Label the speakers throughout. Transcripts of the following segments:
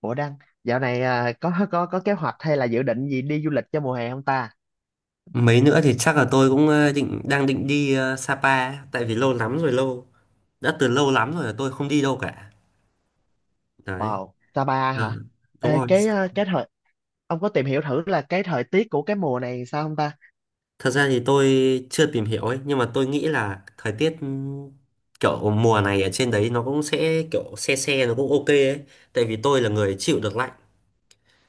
Speaker 1: Ủa Đăng, dạo này có kế hoạch hay là dự định gì đi du lịch cho mùa hè không ta?
Speaker 2: Mấy nữa thì chắc là tôi cũng đang định đi Sapa tại vì lâu lắm rồi lâu đã từ lâu lắm rồi là tôi không đi đâu cả. Đấy.
Speaker 1: Wow, Sapa hả?
Speaker 2: Ừ. Đúng
Speaker 1: Ê,
Speaker 2: rồi.
Speaker 1: cái à, cái thời ông có tìm hiểu thử là cái thời tiết của cái mùa này sao không ta?
Speaker 2: Thật ra thì tôi chưa tìm hiểu ấy, nhưng mà tôi nghĩ là thời tiết kiểu mùa này ở trên đấy nó cũng sẽ kiểu se se, nó cũng ok ấy. Tại vì tôi là người chịu được lạnh.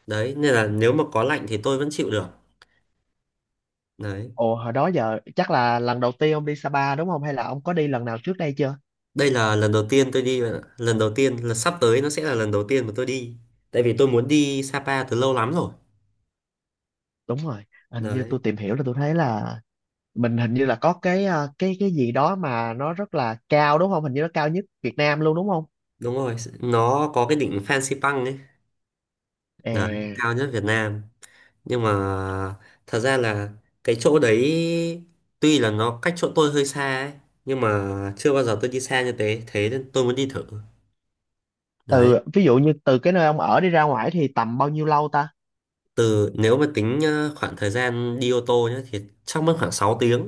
Speaker 2: Đấy, nên là nếu mà có lạnh thì tôi vẫn chịu được. Đấy.
Speaker 1: Ồ, hồi đó giờ chắc là lần đầu tiên ông đi Sapa đúng không? Hay là ông có đi lần nào trước đây chưa?
Speaker 2: Đây là lần đầu tiên tôi đi bạn ạ. Lần đầu tiên là sắp tới, nó sẽ là lần đầu tiên mà tôi đi, tại vì tôi muốn đi Sapa từ lâu lắm rồi.
Speaker 1: Đúng rồi, hình như tôi
Speaker 2: Đấy.
Speaker 1: tìm hiểu là tôi thấy là mình hình như là có cái à, cái cái gì đó mà nó rất là cao đúng không? Hình như nó cao nhất Việt Nam luôn đúng không?
Speaker 2: Đúng rồi, nó có cái đỉnh Fansipan ấy. Đấy,
Speaker 1: Ê,
Speaker 2: cao nhất Việt Nam. Nhưng mà thật ra là cái chỗ đấy tuy là nó cách chỗ tôi hơi xa ấy, nhưng mà chưa bao giờ tôi đi xa như thế, thế nên tôi muốn đi thử. Đấy.
Speaker 1: từ ví dụ như từ cái nơi ông ở đi ra ngoài thì tầm bao nhiêu lâu ta?
Speaker 2: Nếu mà tính khoảng thời gian đi ô tô nhá, thì chắc mất khoảng 6 tiếng.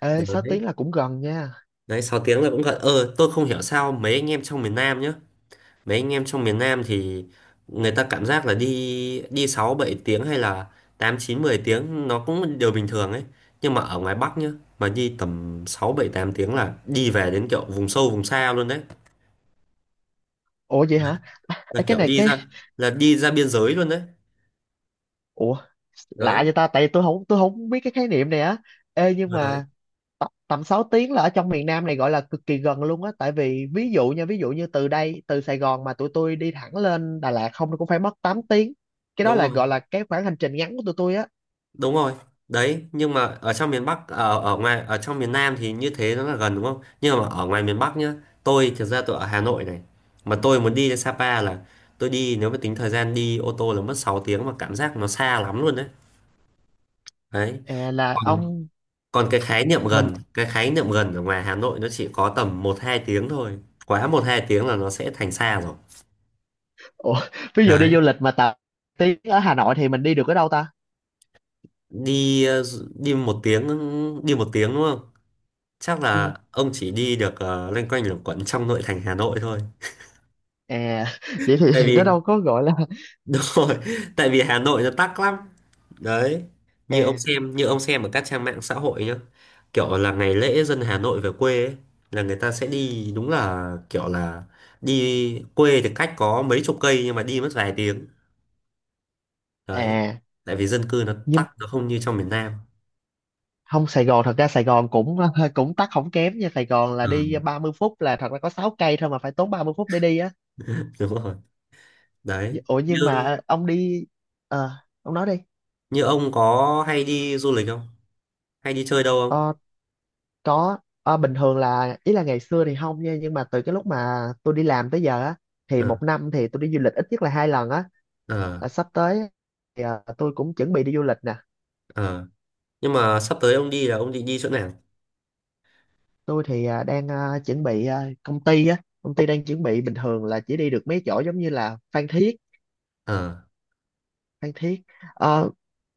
Speaker 1: Ê, 6
Speaker 2: Đấy.
Speaker 1: tiếng là cũng gần nha.
Speaker 2: Đấy, 6 tiếng là cũng gần. Ờ tôi không hiểu sao mấy anh em trong miền Nam nhá, mấy anh em trong miền Nam thì người ta cảm giác là đi đi 6-7 tiếng hay là 8-9-10 tiếng nó cũng là điều bình thường ấy. Nhưng mà ở ngoài Bắc nhá, mà đi tầm 6-7-8 tiếng là đi về đến kiểu vùng sâu vùng xa luôn đấy.
Speaker 1: Ủa vậy hả? Ê,
Speaker 2: Là
Speaker 1: cái
Speaker 2: kiểu
Speaker 1: này
Speaker 2: đi
Speaker 1: cái...
Speaker 2: ra là đi ra biên giới luôn đấy.
Speaker 1: Ủa, lạ
Speaker 2: Đấy,
Speaker 1: vậy ta? Tại vì tôi không biết cái khái niệm này á. Ê, nhưng
Speaker 2: rồi đấy.
Speaker 1: mà tầm 6 tiếng là ở trong miền Nam này gọi là cực kỳ gần luôn á. Tại vì ví dụ nha, ví dụ như từ đây, từ Sài Gòn mà tụi tôi đi thẳng lên Đà Lạt không nó cũng phải mất 8 tiếng. Cái đó
Speaker 2: Đúng
Speaker 1: là
Speaker 2: rồi.
Speaker 1: gọi là cái khoảng hành trình ngắn của tụi tôi á.
Speaker 2: Đúng rồi đấy, nhưng mà ở trong miền Bắc ở ở ngoài ở trong miền Nam thì như thế nó là gần đúng không, nhưng mà ở ngoài miền Bắc nhá, tôi thực ra tôi ở Hà Nội này, mà tôi muốn đi đến Sapa là tôi đi, nếu mà tính thời gian đi ô tô là mất 6 tiếng mà cảm giác nó xa lắm luôn đấy. Đấy.
Speaker 1: À, là
Speaker 2: còn
Speaker 1: ông
Speaker 2: còn cái khái niệm
Speaker 1: mình...
Speaker 2: gần cái khái niệm gần ở ngoài Hà Nội nó chỉ có tầm 1-2 tiếng thôi. Quá một 2 tiếng là nó sẽ thành xa rồi.
Speaker 1: Ủa, ví dụ đi
Speaker 2: Đấy.
Speaker 1: du lịch mà 8 tiếng ở Hà Nội thì mình đi được ở đâu ta?
Speaker 2: đi ờ, Đi 1 tiếng, đi 1 tiếng, đúng không? Chắc
Speaker 1: Ừ.
Speaker 2: là ông chỉ đi được loanh quanh luẩn quẩn trong nội thành Hà Nội thôi.
Speaker 1: À, vậy
Speaker 2: Tại
Speaker 1: thì nó
Speaker 2: vì
Speaker 1: đâu có gọi là.
Speaker 2: đúng rồi, tại vì Hà Nội nó tắc lắm. Đấy, như ông
Speaker 1: À,
Speaker 2: xem như ông xem ở các trang mạng xã hội nhá, kiểu là ngày lễ dân Hà Nội về quê ấy, là người ta sẽ đi đúng là kiểu là đi quê thì cách có mấy chục cây nhưng mà đi mất vài tiếng. Đấy.
Speaker 1: à.
Speaker 2: Tại vì dân cư nó tắc,
Speaker 1: Nhưng
Speaker 2: nó không như trong miền Nam.
Speaker 1: không, Sài Gòn, thật ra Sài Gòn cũng cũng tắc không kém nha. Sài Gòn là đi
Speaker 2: Ừ,
Speaker 1: 30 phút là thật ra có 6 cây thôi mà phải tốn 30 phút để đi á.
Speaker 2: đúng rồi. Đấy,
Speaker 1: Ủa
Speaker 2: như
Speaker 1: nhưng mà ông đi, ờ ông nói đi.
Speaker 2: như ông có hay đi du lịch không, hay đi chơi đâu không?
Speaker 1: ờ có. Ờ, Bình thường là ý là ngày xưa thì không nha, nhưng mà từ cái lúc mà tôi đi làm tới giờ á thì
Speaker 2: Ờ.
Speaker 1: một năm thì tôi đi du lịch ít nhất là hai lần á.
Speaker 2: Ờ.
Speaker 1: Là sắp tới thì tôi cũng chuẩn bị đi du lịch nè.
Speaker 2: Ờ. Nhưng mà sắp tới ông đi là ông định đi chỗ nào?
Speaker 1: Tôi thì đang chuẩn bị, công ty á, công ty đang chuẩn bị, bình thường là chỉ đi được mấy chỗ giống như là Phan Thiết.
Speaker 2: Ờ,
Speaker 1: Phan Thiết, Ờ,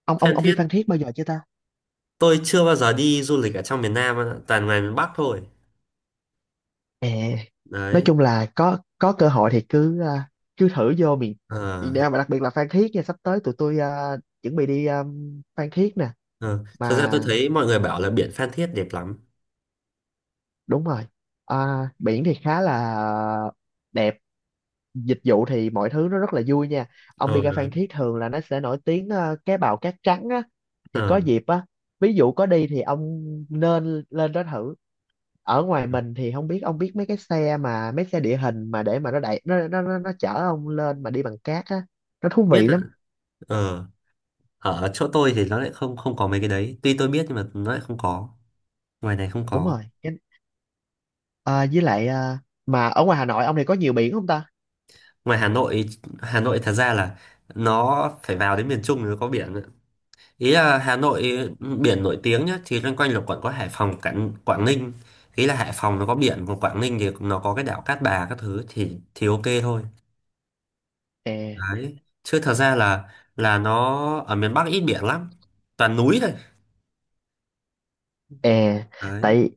Speaker 1: ông ông
Speaker 2: Phan
Speaker 1: ông đi
Speaker 2: Thiết.
Speaker 1: Phan Thiết bao giờ chưa ta?
Speaker 2: Tôi chưa bao giờ đi du lịch ở trong miền Nam á, toàn ngoài miền Bắc thôi.
Speaker 1: Ờ, nói
Speaker 2: Đấy.
Speaker 1: chung là có cơ hội thì cứ thử vô miền
Speaker 2: Ờ,
Speaker 1: miền Nam, mà đặc biệt là Phan Thiết nha. Sắp tới tụi tôi chuẩn bị đi, Phan Thiết nè.
Speaker 2: ờ. Thật ra
Speaker 1: Mà
Speaker 2: tôi thấy mọi người bảo là biển Phan Thiết đẹp lắm.
Speaker 1: đúng rồi. À, biển thì khá là đẹp, dịch vụ thì mọi thứ nó rất là vui nha. Ông
Speaker 2: Ờ,
Speaker 1: đi ra
Speaker 2: đấy.
Speaker 1: Phan Thiết thường là nó sẽ nổi tiếng cá bào cát trắng á. Thì có
Speaker 2: Ờ.
Speaker 1: dịp á, ví dụ có đi thì ông nên lên đó thử. Ở ngoài mình thì không biết ông biết mấy cái xe mà mấy xe địa hình mà để mà nó đẩy, nó chở ông lên mà đi bằng cát á, nó thú
Speaker 2: Biết
Speaker 1: vị
Speaker 2: rồi.
Speaker 1: lắm.
Speaker 2: Ờ. Ở chỗ tôi thì nó lại không không có mấy cái đấy. Tuy tôi biết nhưng mà nó lại không có. Ngoài này không
Speaker 1: Đúng
Speaker 2: có.
Speaker 1: rồi. Với lại mà ở ngoài Hà Nội ông này có nhiều biển không ta?
Speaker 2: Ngoài Hà Nội, Hà Nội thật ra là nó phải vào đến miền Trung thì nó có biển. Ý là Hà Nội,
Speaker 1: Ừ.
Speaker 2: ừ, biển nổi tiếng nhá thì loanh quanh là quận có Hải Phòng, Quảng Quảng Ninh. Ý là Hải Phòng nó có biển, còn Quảng Ninh thì nó có cái đảo Cát Bà các thứ thì ok thôi.
Speaker 1: À,
Speaker 2: Đấy, chứ thật ra là nó ở miền Bắc ít biển lắm, toàn núi thôi.
Speaker 1: à,
Speaker 2: Đấy.
Speaker 1: tại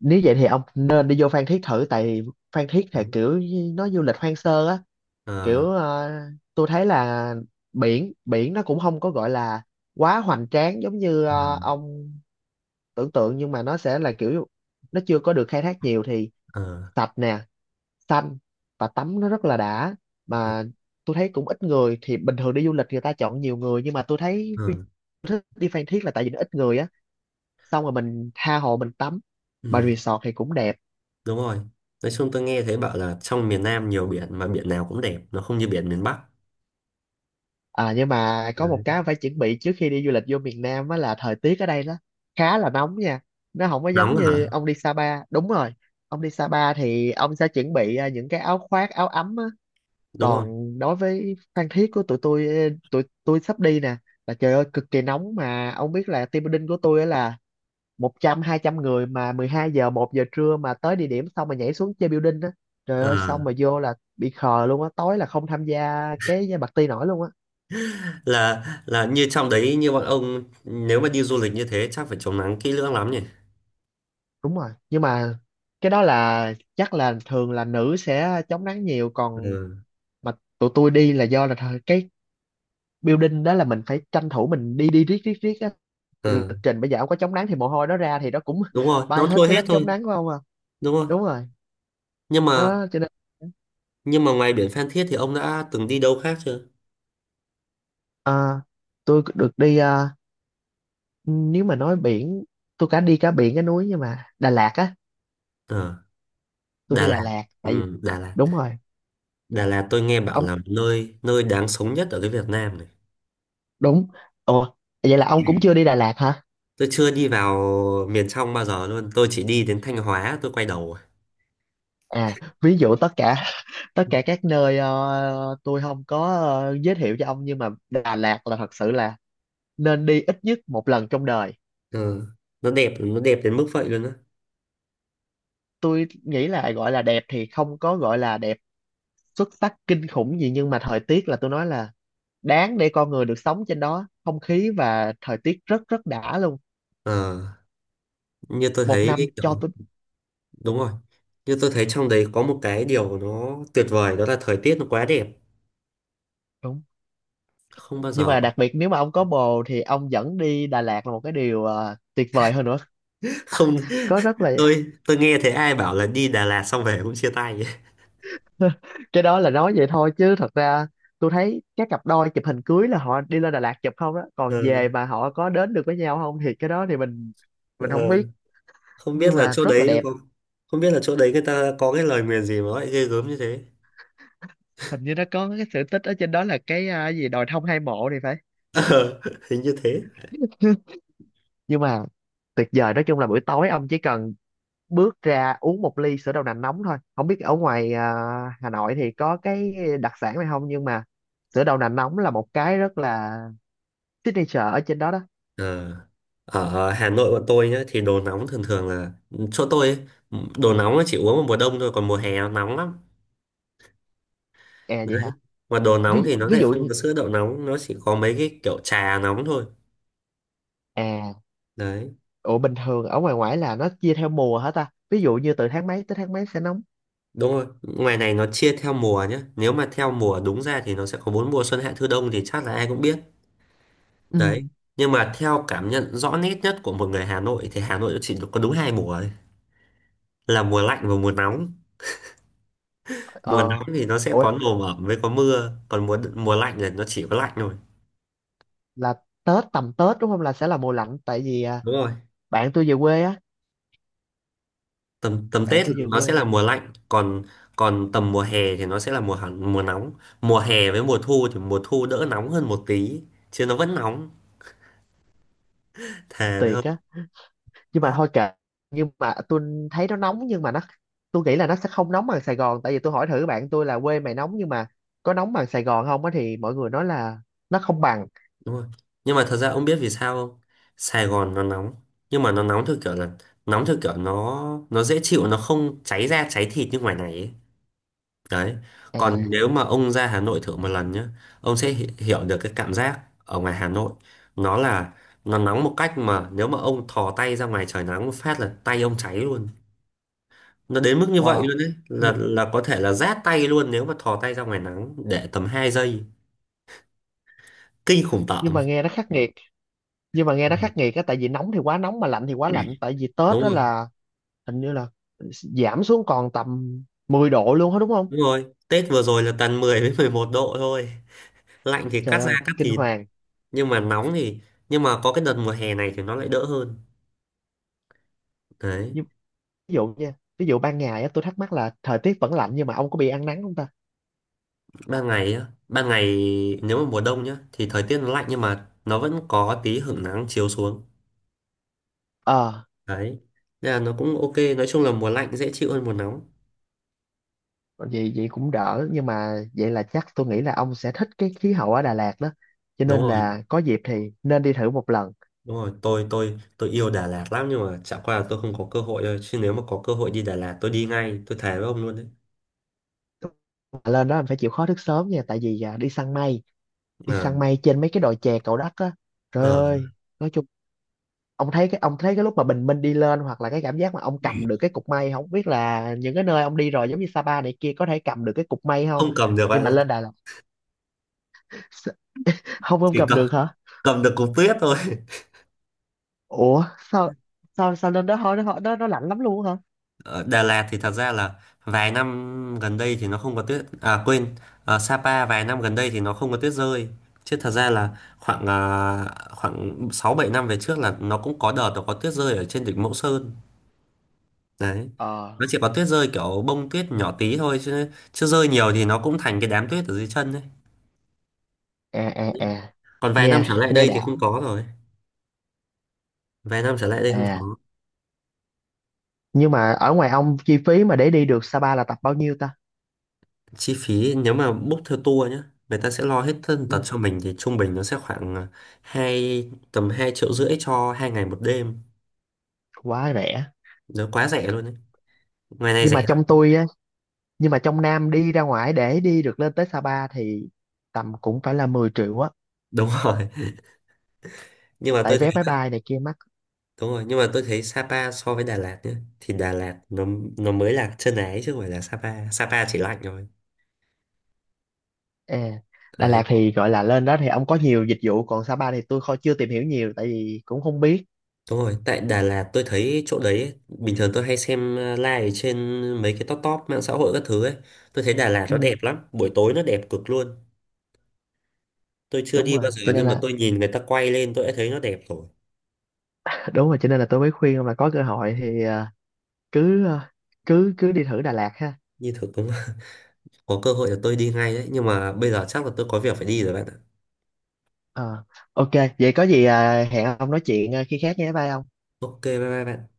Speaker 1: nếu vậy thì ông nên đi vô Phan Thiết thử, tại Phan Thiết thì
Speaker 2: Đấy.
Speaker 1: kiểu như nó du lịch hoang sơ á.
Speaker 2: Ờ.
Speaker 1: Kiểu tôi thấy là biển biển nó cũng không có gọi là quá hoành tráng giống như
Speaker 2: Ừ.
Speaker 1: ông tưởng tượng, nhưng mà nó sẽ là kiểu nó chưa có được khai thác nhiều thì
Speaker 2: Ờ.
Speaker 1: sạch nè, xanh, và tắm nó rất là đã.
Speaker 2: Ừ.
Speaker 1: Mà tôi thấy cũng ít người, thì bình thường đi du lịch người ta chọn nhiều người nhưng mà tôi thấy
Speaker 2: Ừ.
Speaker 1: đi Phan Thiết là tại vì nó ít người á, xong rồi mình tha hồ mình tắm, mà
Speaker 2: Ừ.
Speaker 1: resort thì cũng đẹp.
Speaker 2: Đúng rồi, nói chung tôi nghe thấy bảo là trong miền Nam nhiều biển, mà biển nào cũng đẹp, nó không như biển miền Bắc.
Speaker 1: À, nhưng mà có một
Speaker 2: Đấy.
Speaker 1: cái phải chuẩn bị trước khi đi du lịch vô miền Nam á là thời tiết ở đây nó khá là nóng nha. Nó không có giống
Speaker 2: Nóng hả?
Speaker 1: như ông đi Sapa. Đúng rồi. Ông đi Sapa thì ông sẽ chuẩn bị những cái áo khoác, áo ấm á.
Speaker 2: Đúng rồi.
Speaker 1: Còn đối với Phan Thiết của tụi tôi, tụi tôi sắp đi nè, là trời ơi cực kỳ nóng. Mà ông biết là team building của tôi á, là 100 200 người mà 12 giờ, 1 giờ trưa mà tới địa điểm xong mà nhảy xuống chơi building á. Trời
Speaker 2: Ờ.
Speaker 1: ơi xong mà vô là bị khờ luôn á, tối là không tham gia cái party nổi luôn á.
Speaker 2: Là như trong đấy, như bọn ông nếu mà đi du lịch như thế chắc phải chống nắng kỹ lưỡng lắm nhỉ.
Speaker 1: Đúng rồi, nhưng mà cái đó là chắc là thường là nữ sẽ chống nắng nhiều, còn
Speaker 2: Ừ.
Speaker 1: mà tụi tôi đi là do là cái building đó là mình phải tranh thủ mình đi, đi riết riết riết á. Cái
Speaker 2: Ừ.
Speaker 1: lịch trình bây giờ không có chống nắng thì mồ hôi nó ra thì nó cũng
Speaker 2: Đúng rồi,
Speaker 1: bay
Speaker 2: nó
Speaker 1: hết
Speaker 2: trôi
Speaker 1: cái
Speaker 2: hết
Speaker 1: lớp chống
Speaker 2: thôi
Speaker 1: nắng của ông à.
Speaker 2: đúng không?
Speaker 1: Đúng rồi,
Speaker 2: nhưng mà
Speaker 1: đó cho nên
Speaker 2: nhưng mà ngoài biển Phan Thiết thì ông đã từng đi đâu khác chưa?
Speaker 1: à, tôi được đi, nếu mà nói biển, tôi cả đi cả biển cả núi, nhưng mà Đà Lạt á,
Speaker 2: Ờ,
Speaker 1: tôi
Speaker 2: Đà
Speaker 1: đi Đà
Speaker 2: Lạt.
Speaker 1: Lạt tại vì
Speaker 2: Ừ, Đà Lạt
Speaker 1: đúng rồi.
Speaker 2: Đà Lạt tôi nghe bảo
Speaker 1: Ông.
Speaker 2: là nơi nơi đáng sống nhất ở cái Việt Nam này.
Speaker 1: Đúng. Ủa, vậy là ông cũng chưa đi Đà Lạt hả?
Speaker 2: Tôi chưa đi vào miền trong bao giờ luôn, tôi chỉ đi đến Thanh Hóa tôi quay đầu rồi.
Speaker 1: À, ví dụ tất cả tất cả các nơi, tôi không có giới thiệu cho ông, nhưng mà Đà Lạt là thật sự là nên đi ít nhất một lần trong đời.
Speaker 2: Ừ. nó đẹp đến mức vậy luôn á?
Speaker 1: Tôi nghĩ là gọi là đẹp thì không có gọi là đẹp xuất sắc kinh khủng gì, nhưng mà thời tiết là tôi nói là đáng để con người được sống trên đó, không khí và thời tiết rất rất đã luôn.
Speaker 2: Ờ, như tôi
Speaker 1: Một
Speaker 2: thấy
Speaker 1: năm cho
Speaker 2: kiểu
Speaker 1: tôi.
Speaker 2: đúng rồi. Như tôi thấy trong đấy có một cái điều nó tuyệt vời đó là thời tiết nó quá đẹp.
Speaker 1: Đúng.
Speaker 2: Không bao
Speaker 1: Nhưng
Speaker 2: giờ
Speaker 1: mà đặc biệt nếu mà ông có bồ thì ông dẫn đi Đà Lạt là một cái điều tuyệt vời hơn nữa.
Speaker 2: không.
Speaker 1: Có rất là,
Speaker 2: Tôi nghe thấy ai bảo là đi Đà Lạt xong về cũng chia tay.
Speaker 1: cái đó là nói vậy thôi chứ thật ra tôi thấy các cặp đôi chụp hình cưới là họ đi lên Đà Lạt chụp không đó,
Speaker 2: Ờ.
Speaker 1: còn về mà họ có đến được với nhau không thì cái đó thì mình
Speaker 2: Ờ.
Speaker 1: không biết,
Speaker 2: Không biết
Speaker 1: nhưng
Speaker 2: là
Speaker 1: mà
Speaker 2: chỗ
Speaker 1: rất là
Speaker 2: đấy
Speaker 1: đẹp.
Speaker 2: có không biết là chỗ đấy người ta có cái lời nguyền gì mà lại ghê gớm như thế.
Speaker 1: Hình như nó có cái sự tích ở trên đó là gì đồi thông hai mộ thì phải.
Speaker 2: Ờ, hình như thế.
Speaker 1: Nhưng mà tuyệt vời, nói chung là buổi tối ông chỉ cần bước ra uống một ly sữa đậu nành nóng thôi. Không biết ở ngoài Hà Nội thì có cái đặc sản này không, nhưng mà sữa đậu nành nóng là một cái rất là signature ở trên đó đó.
Speaker 2: Ờ, ở Hà Nội bọn tôi nhá thì đồ nóng thường thường là chỗ tôi ấy, đồ nóng nó chỉ uống vào mùa đông thôi, còn mùa hè nó nóng lắm.
Speaker 1: À vậy hả?
Speaker 2: Mà đồ nóng thì nó
Speaker 1: Ví
Speaker 2: lại
Speaker 1: dụ.
Speaker 2: không có sữa đậu nóng, nó chỉ có mấy cái kiểu trà nóng thôi.
Speaker 1: À,
Speaker 2: Đấy,
Speaker 1: ủa bình thường ở ngoài ngoại là nó chia theo mùa hả ta? Ví dụ như từ tháng mấy tới tháng mấy sẽ nóng.
Speaker 2: đúng rồi. Ngoài này nó chia theo mùa nhé. Nếu mà theo mùa đúng ra thì nó sẽ có bốn mùa xuân hạ thu đông thì chắc là ai cũng biết. Đấy.
Speaker 1: Ừ.
Speaker 2: Nhưng mà theo cảm nhận rõ nét nhất của một người Hà Nội thì Hà Nội chỉ có đúng hai mùa thôi. Là mùa lạnh và mùa nóng. Mùa
Speaker 1: Ờ,
Speaker 2: nóng thì nó sẽ
Speaker 1: ủa
Speaker 2: có nồm ẩm với có mưa, còn mùa mùa lạnh là nó chỉ có lạnh thôi.
Speaker 1: là Tết, tầm Tết đúng không là sẽ là mùa lạnh, tại vì
Speaker 2: Đúng rồi.
Speaker 1: bạn tôi về quê á,
Speaker 2: Tầm tầm
Speaker 1: bạn
Speaker 2: Tết
Speaker 1: tôi
Speaker 2: là
Speaker 1: về
Speaker 2: nó sẽ
Speaker 1: quê.
Speaker 2: là mùa lạnh, còn còn tầm mùa hè thì nó sẽ là mùa nóng. Mùa hè với mùa thu thì mùa thu đỡ nóng hơn một tí, chứ nó vẫn nóng. Thề với
Speaker 1: Tuyệt á. Nhưng mà thôi kệ, nhưng mà tôi thấy nó nóng nhưng mà nó, tôi nghĩ là nó sẽ không nóng bằng Sài Gòn, tại vì tôi hỏi thử bạn tôi là quê mày nóng nhưng mà có nóng bằng Sài Gòn không á, thì mọi người nói là nó không bằng.
Speaker 2: đúng rồi, nhưng mà thật ra ông biết vì sao không? Sài Gòn nó nóng nhưng mà nó nóng theo kiểu là nóng theo kiểu nó dễ chịu, nó không cháy da cháy thịt như ngoài này ấy. Đấy. Còn
Speaker 1: À,
Speaker 2: nếu mà ông ra Hà Nội thử một lần nhá, ông sẽ hiểu được cái cảm giác ở ngoài Hà Nội, nó là nó nóng một cách mà nếu mà ông thò tay ra ngoài trời nắng một phát là tay ông cháy luôn. Nó đến mức như vậy
Speaker 1: wow.
Speaker 2: luôn đấy, là
Speaker 1: Nh-
Speaker 2: là có thể là rát tay luôn nếu mà thò tay ra ngoài nắng để tầm 2 giây. Kinh khủng
Speaker 1: Nhưng
Speaker 2: tởm.
Speaker 1: mà nghe nó khắc nghiệt. Nhưng mà nghe
Speaker 2: Ừ.
Speaker 1: nó khắc nghiệt á, tại vì nóng thì quá nóng mà lạnh thì quá lạnh, tại vì Tết
Speaker 2: Đúng
Speaker 1: đó
Speaker 2: rồi.
Speaker 1: là hình như là giảm xuống còn tầm 10 độ luôn á đúng không?
Speaker 2: Đúng rồi, Tết vừa rồi là tầm 10 với 11 độ thôi. Lạnh thì
Speaker 1: Trời
Speaker 2: cắt da
Speaker 1: ơi
Speaker 2: cắt
Speaker 1: kinh
Speaker 2: thịt,
Speaker 1: hoàng.
Speaker 2: nhưng mà nóng thì nhưng mà có cái đợt mùa hè này thì nó lại đỡ hơn. Đấy,
Speaker 1: Nhưng ví dụ nha, ví dụ ban ngày á, tôi thắc mắc là thời tiết vẫn lạnh nhưng mà ông có bị ăn nắng không ta?
Speaker 2: ban ngày nếu mà mùa đông nhá thì thời tiết nó lạnh, nhưng mà nó vẫn có tí hửng nắng chiếu xuống.
Speaker 1: ờ
Speaker 2: Đấy. Nên là nó cũng ok, nói chung là mùa lạnh dễ chịu hơn mùa nóng.
Speaker 1: Vậy, vậy cũng đỡ, nhưng mà vậy là chắc tôi nghĩ là ông sẽ thích cái khí hậu ở Đà Lạt đó, cho
Speaker 2: Đúng
Speaker 1: nên
Speaker 2: rồi,
Speaker 1: là có dịp thì nên đi thử một lần.
Speaker 2: đúng rồi, tôi yêu Đà Lạt lắm nhưng mà chả qua là tôi không có cơ hội thôi, chứ nếu mà có cơ hội đi Đà Lạt tôi đi ngay, tôi thề với ông luôn đấy.
Speaker 1: Mà lên đó mình phải chịu khó thức sớm nha, tại vì đi săn mây, đi
Speaker 2: Ờ,
Speaker 1: săn mây trên mấy cái đồi chè Cầu Đất á, trời
Speaker 2: ờ,
Speaker 1: ơi. Nói chung ông thấy cái lúc mà bình minh đi lên, hoặc là cái cảm giác mà ông cầm được cái cục mây. Không biết là những cái nơi ông đi rồi giống như Sapa này kia có thể cầm được cái cục mây không?
Speaker 2: không cầm được
Speaker 1: Nhưng
Speaker 2: bạn
Speaker 1: mà
Speaker 2: ạ,
Speaker 1: lên Đà Lạt, s- không, không
Speaker 2: chỉ
Speaker 1: cầm
Speaker 2: cầm
Speaker 1: được hả?
Speaker 2: cầm được cục tuyết thôi.
Speaker 1: Ủa, sao sao sao lên đó thôi nó lạnh lắm luôn hả?
Speaker 2: Ở Đà Lạt thì thật ra là vài năm gần đây thì nó không có tuyết, à quên, ở Sapa vài năm gần đây thì nó không có tuyết rơi, chứ thật ra là khoảng à, khoảng 6-7 năm về trước là nó cũng có đợt nó có tuyết rơi ở trên đỉnh Mẫu Sơn. Đấy,
Speaker 1: Ờ,
Speaker 2: nó chỉ có tuyết rơi kiểu bông tuyết nhỏ tí thôi, chứ chứ rơi nhiều thì nó cũng thành cái đám tuyết ở dưới chân đấy.
Speaker 1: à à à,
Speaker 2: Còn vài năm
Speaker 1: nghe
Speaker 2: trở lại
Speaker 1: nghe
Speaker 2: đây
Speaker 1: đã
Speaker 2: thì không có rồi, vài năm trở lại đây không
Speaker 1: à.
Speaker 2: có.
Speaker 1: Nhưng mà ở ngoài ông, chi phí mà để đi được Sapa là tập bao nhiêu ta?
Speaker 2: Chi phí nếu mà book theo tour nhé, người ta sẽ lo hết thân tật
Speaker 1: Ừ,
Speaker 2: cho mình, thì trung bình nó sẽ khoảng tầm hai triệu rưỡi cho 2 ngày 1 đêm.
Speaker 1: quá rẻ.
Speaker 2: Nó quá rẻ luôn đấy, ngoài này
Speaker 1: Nhưng mà
Speaker 2: rẻ
Speaker 1: trong
Speaker 2: lắm.
Speaker 1: tôi á, nhưng mà trong Nam đi ra ngoài để đi được lên tới Sapa thì tầm cũng phải là 10 triệu á,
Speaker 2: Đúng rồi, nhưng mà
Speaker 1: tại
Speaker 2: tôi thấy,
Speaker 1: vé máy bay này kia mắc.
Speaker 2: đúng rồi nhưng mà tôi thấy Sapa so với Đà Lạt nhé, thì Đà Lạt nó mới là chân ái chứ không phải là Sapa. Sapa chỉ lạnh rồi.
Speaker 1: À, Đà Lạt
Speaker 2: Đấy,
Speaker 1: thì gọi là lên đó thì ông có nhiều dịch vụ, còn Sa Pa thì tôi không, chưa tìm hiểu nhiều tại vì cũng không biết.
Speaker 2: đúng rồi, tại Đà Lạt tôi thấy chỗ đấy ấy, bình thường tôi hay xem live trên mấy cái top top mạng xã hội các thứ ấy, tôi thấy Đà Lạt nó
Speaker 1: Ừ,
Speaker 2: đẹp lắm, buổi tối nó đẹp cực luôn. Tôi chưa
Speaker 1: đúng
Speaker 2: đi
Speaker 1: rồi
Speaker 2: bao giờ
Speaker 1: cho nên
Speaker 2: nhưng mà
Speaker 1: là
Speaker 2: tôi nhìn người ta quay lên tôi đã thấy nó đẹp rồi.
Speaker 1: đúng rồi cho nên là tôi mới khuyên ông là có cơ hội thì à, cứ cứ đi thử Đà Lạt ha.
Speaker 2: Như thực đúng không? Có cơ hội là tôi đi ngay đấy. Nhưng mà bây giờ chắc là tôi có việc phải đi rồi bạn ạ.
Speaker 1: Ờ, ok, vậy có gì hẹn ông nói chuyện khi khác nhé. Bye ông.
Speaker 2: Ok, bye bye bạn.